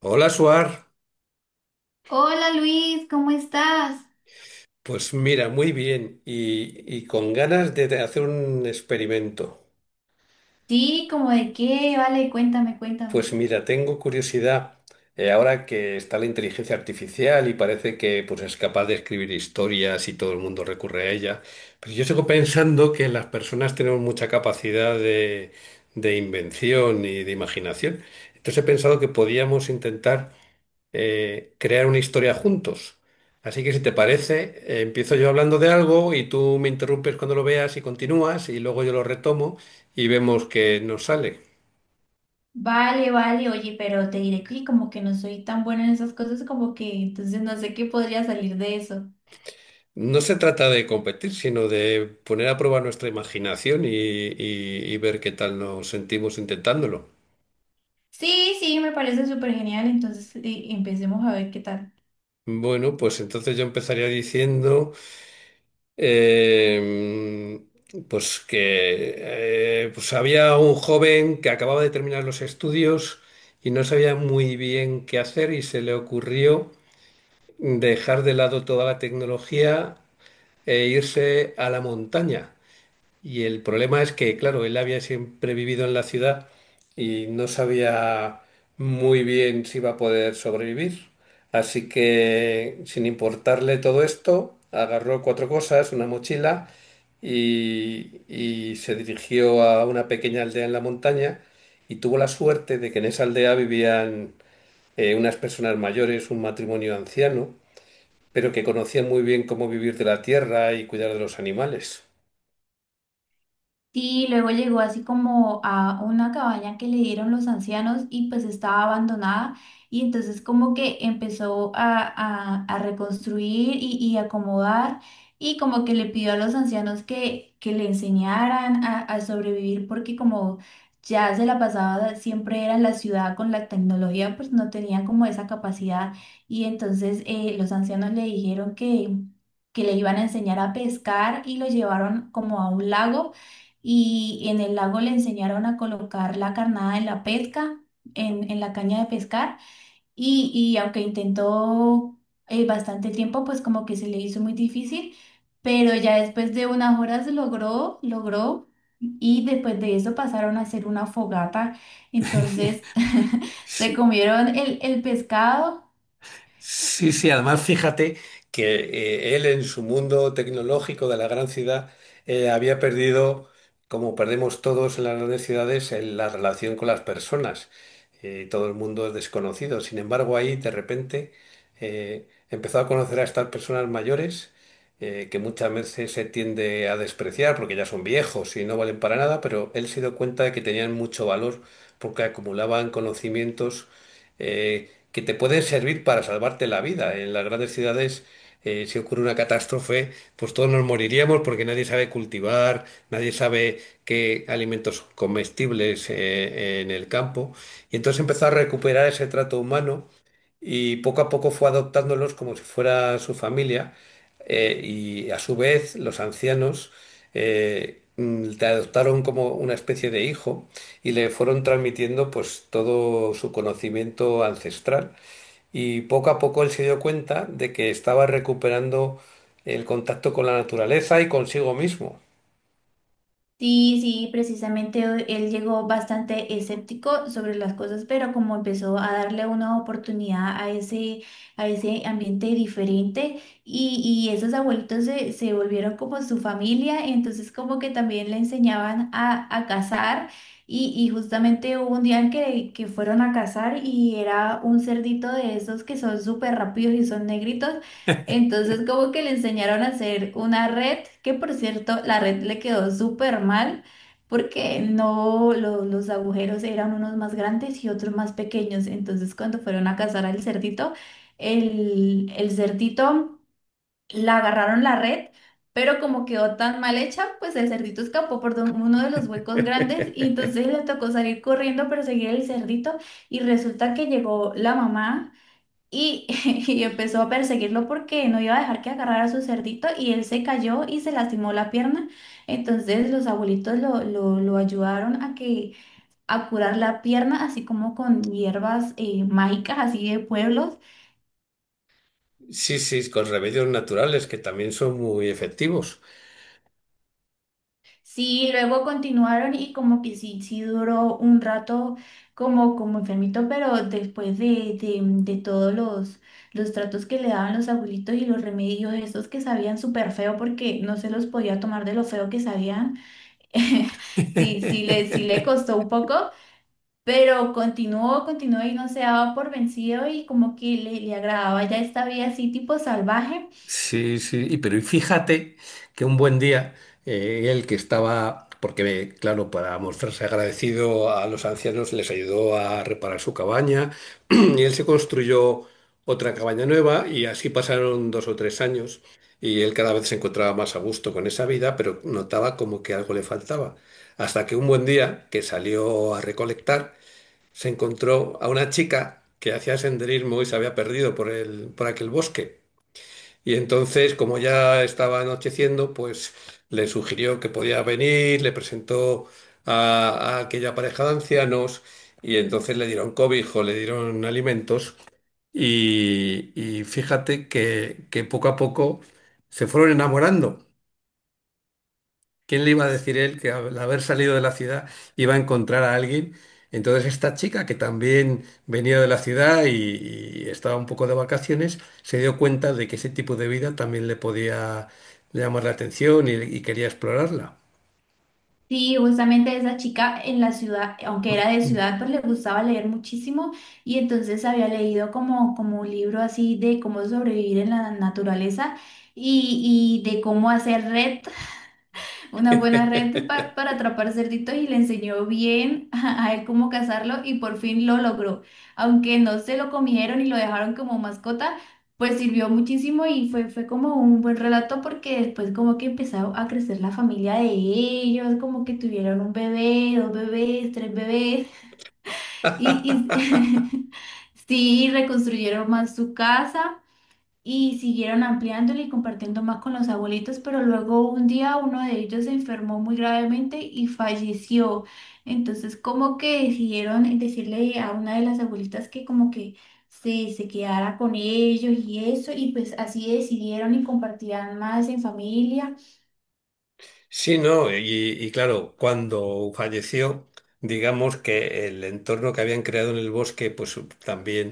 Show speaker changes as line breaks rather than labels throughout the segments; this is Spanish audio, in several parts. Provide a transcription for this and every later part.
Hola, Suar.
Hola Luis, ¿cómo estás?
Pues mira, muy bien y con ganas de hacer un experimento.
Sí, ¿como de qué? Vale, cuéntame, cuéntame.
Pues mira, tengo curiosidad, ahora que está la inteligencia artificial y parece que pues, es capaz de escribir historias y todo el mundo recurre a ella, pero yo sigo pensando que las personas tenemos mucha capacidad de invención y de imaginación. Entonces he pensado que podíamos intentar crear una historia juntos. Así que si te parece, empiezo yo hablando de algo y tú me interrumpes cuando lo veas y continúas y luego yo lo retomo y vemos qué nos sale.
Vale, vale, oye, pero te diré que como que no soy tan buena en esas cosas, como que entonces no sé qué podría salir de eso.
No se trata de competir, sino de poner a prueba nuestra imaginación y ver qué tal nos sentimos intentándolo.
Sí, sí, me parece súper genial, entonces empecemos a ver qué tal.
Bueno, pues entonces yo empezaría diciendo... eh, pues que pues había un joven que acababa de terminar los estudios y no sabía muy bien qué hacer y se le ocurrió dejar de lado toda la tecnología e irse a la montaña. Y el problema es que, claro, él había siempre vivido en la ciudad y no sabía muy bien si iba a poder sobrevivir. Así que, sin importarle todo esto, agarró cuatro cosas, una mochila y se dirigió a una pequeña aldea en la montaña y tuvo la suerte de que en esa aldea vivían unas personas mayores, un matrimonio anciano, pero que conocían muy bien cómo vivir de la tierra y cuidar de los animales.
Sí, luego llegó así como a una cabaña que le dieron los ancianos y pues estaba abandonada y entonces como que empezó a reconstruir y acomodar y como que le pidió a los ancianos que le enseñaran a sobrevivir porque como ya se la pasaba siempre era en la ciudad con la tecnología pues no tenían como esa capacidad y entonces los ancianos le dijeron que le iban a enseñar a pescar y lo llevaron como a un lago y en el lago le enseñaron a colocar la carnada en la pesca, en la caña de pescar, y aunque intentó bastante tiempo, pues como que se le hizo muy difícil, pero ya después de unas horas logró, logró, y después de eso pasaron a hacer una fogata, entonces se
Sí.
comieron el pescado.
Sí, sí, además fíjate que él en su mundo tecnológico de la gran ciudad había perdido, como perdemos todos en las grandes ciudades, la relación con las personas. Todo el mundo es desconocido. Sin embargo, ahí de repente empezó a conocer a estas personas mayores, que muchas veces se tiende a despreciar porque ya son viejos y no valen para nada, pero él se dio cuenta de que tenían mucho valor porque acumulaban conocimientos que te pueden servir para salvarte la vida. En las grandes ciudades, si ocurre una catástrofe, pues todos nos moriríamos porque nadie sabe cultivar, nadie sabe qué alimentos comestibles en el campo. Y entonces empezó a recuperar ese trato humano y poco a poco fue adoptándolos como si fuera su familia, y a su vez los ancianos, te adoptaron como una especie de hijo y le fueron transmitiendo pues todo su conocimiento ancestral. Y poco a poco él se dio cuenta de que estaba recuperando el contacto con la naturaleza y consigo mismo.
Sí, sí, precisamente él llegó bastante escéptico sobre las cosas, pero como empezó a darle una oportunidad a ese ambiente diferente y esos abuelitos se volvieron como su familia, entonces como que también le enseñaban a cazar y justamente hubo un día en que fueron a cazar y era un cerdito de esos que son súper rápidos y son negritos. Entonces, como que le enseñaron a hacer una red, que por cierto, la red le quedó súper mal porque no, los agujeros eran unos más grandes y otros más pequeños. Entonces, cuando fueron a cazar al cerdito, el cerdito la agarraron la red, pero como quedó tan mal hecha, pues el cerdito escapó por don- uno de los huecos grandes y entonces le tocó salir corriendo, perseguir el cerdito y resulta que llegó la mamá. Y, y empezó a perseguirlo porque no iba a dejar que agarrara a su cerdito y él se cayó y se lastimó la pierna. Entonces los abuelitos lo ayudaron a que a curar la pierna, así como con hierbas mágicas, así de pueblos.
Sí, sí, con remedios naturales que también son muy efectivos.
Sí, luego continuaron y como que sí, sí duró un rato como, como enfermito, pero después de todos los tratos que le daban los abuelitos y los remedios, esos que sabían súper feo porque no se los podía tomar de lo feo que sabían. Sí, sí le costó un poco, pero continuó, continuó y no se daba por vencido y como que le agradaba ya esta vida así tipo salvaje.
Sí, sí, pero fíjate que un buen día, él que estaba, porque claro, para mostrarse agradecido a los ancianos les ayudó a reparar su cabaña y él se construyó otra cabaña nueva y así pasaron dos o tres años y él cada vez se encontraba más a gusto con esa vida, pero notaba como que algo le faltaba. Hasta que un buen día que salió a recolectar se encontró a una chica que hacía senderismo y se había perdido por aquel bosque. Y entonces, como ya estaba anocheciendo, pues le sugirió que podía venir, le presentó a, a aquella pareja de ancianos y entonces le dieron cobijo, le dieron alimentos y fíjate que poco a poco se fueron enamorando. ¿Quién le iba a decir él que al haber salido de la ciudad iba a encontrar a alguien? Entonces esta chica, que también venía de la ciudad y estaba un poco de vacaciones, se dio cuenta de que ese tipo de vida también le podía llamar la atención y quería explorarla.
Sí, justamente esa chica en la ciudad, aunque era de ciudad, pues le gustaba leer muchísimo y entonces había leído como, como un libro así de cómo sobrevivir en la naturaleza y de cómo hacer red. Una buena red para atrapar cerditos y le enseñó bien a él cómo cazarlo y por fin lo logró. Aunque no se lo comieron y lo dejaron como mascota, pues sirvió muchísimo y fue, fue como un buen relato porque después como que empezó a crecer la familia de ellos, como que tuvieron un bebé, dos bebés, tres bebés y sí, reconstruyeron más su casa y siguieron ampliándole y compartiendo más con los abuelitos, pero luego un día uno de ellos se enfermó muy gravemente y falleció. Entonces, como que decidieron decirle a una de las abuelitas que como que se quedara con ellos y eso, y pues así decidieron y compartirán más en familia.
Sí, no, y claro, cuando falleció, digamos que el entorno que habían creado en el bosque, pues también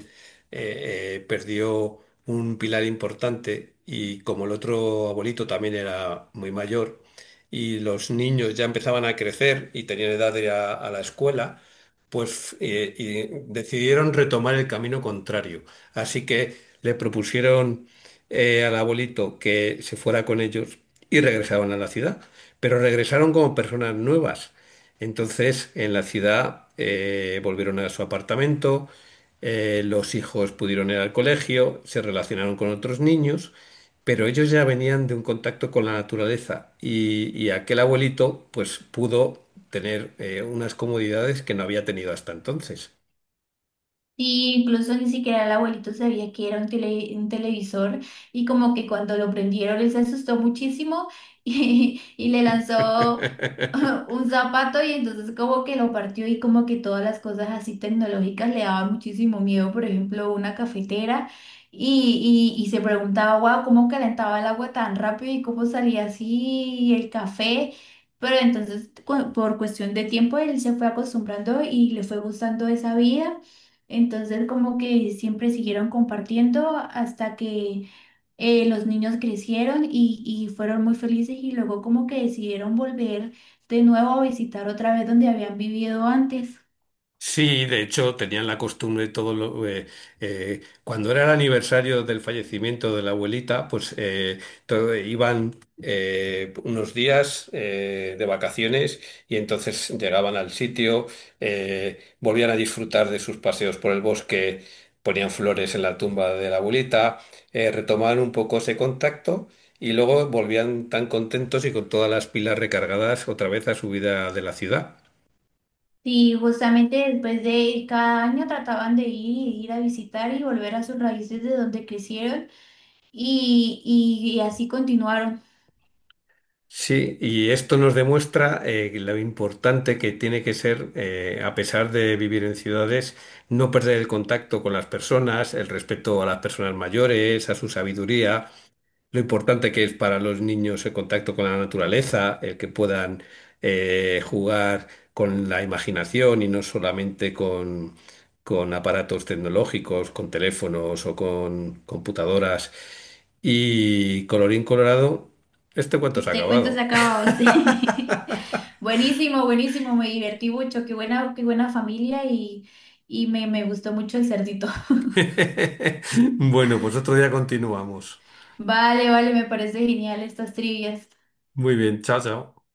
perdió un pilar importante y como el otro abuelito también era muy mayor y los niños ya empezaban a crecer y tenían edad de ir a la escuela, pues y decidieron retomar el camino contrario. Así que le propusieron, al abuelito que se fuera con ellos y regresaron a la ciudad, pero regresaron como personas nuevas. Entonces, en la ciudad volvieron a su apartamento, los hijos pudieron ir al colegio, se relacionaron con otros niños, pero ellos ya venían de un contacto con la naturaleza y aquel abuelito pues pudo tener unas comodidades que no había tenido hasta entonces.
Y incluso ni siquiera el abuelito sabía que era un, un televisor y como que cuando lo prendieron él se asustó muchísimo y le lanzó un zapato y entonces como que lo partió y como que todas las cosas así tecnológicas le daban muchísimo miedo, por ejemplo, una cafetera y se preguntaba, wow, ¿cómo calentaba el agua tan rápido y cómo salía así el café? Pero entonces por cuestión de tiempo él se fue acostumbrando y le fue gustando esa vida. Entonces, como que siempre siguieron compartiendo hasta que los niños crecieron y fueron muy felices y luego como que decidieron volver de nuevo a visitar otra vez donde habían vivido antes.
Sí, de hecho tenían la costumbre cuando era el aniversario del fallecimiento de la abuelita, pues iban unos días de vacaciones y entonces llegaban al sitio, volvían a disfrutar de sus paseos por el bosque, ponían flores en la tumba de la abuelita, retomaban un poco ese contacto y luego volvían tan contentos y con todas las pilas recargadas otra vez a su vida de la ciudad.
Y justamente después de ir cada año trataban de ir a visitar y volver a sus raíces de donde crecieron y, y así continuaron.
Sí, y esto nos demuestra, lo importante que tiene que ser, a pesar de vivir en ciudades, no perder el contacto con las personas, el respeto a las personas mayores, a su sabiduría, lo importante que es para los niños el contacto con la naturaleza, el que puedan jugar con la imaginación y no solamente con aparatos tecnológicos, con teléfonos o con computadoras. Y colorín colorado, este cuento se ha
Este cuento se ha
acabado.
acabado, sí. Buenísimo, buenísimo, me divertí mucho, qué buena familia y, y me gustó mucho el cerdito.
Bueno, pues otro día continuamos.
Vale, vale, me parece genial estas trivias.
Muy bien, chao, chao.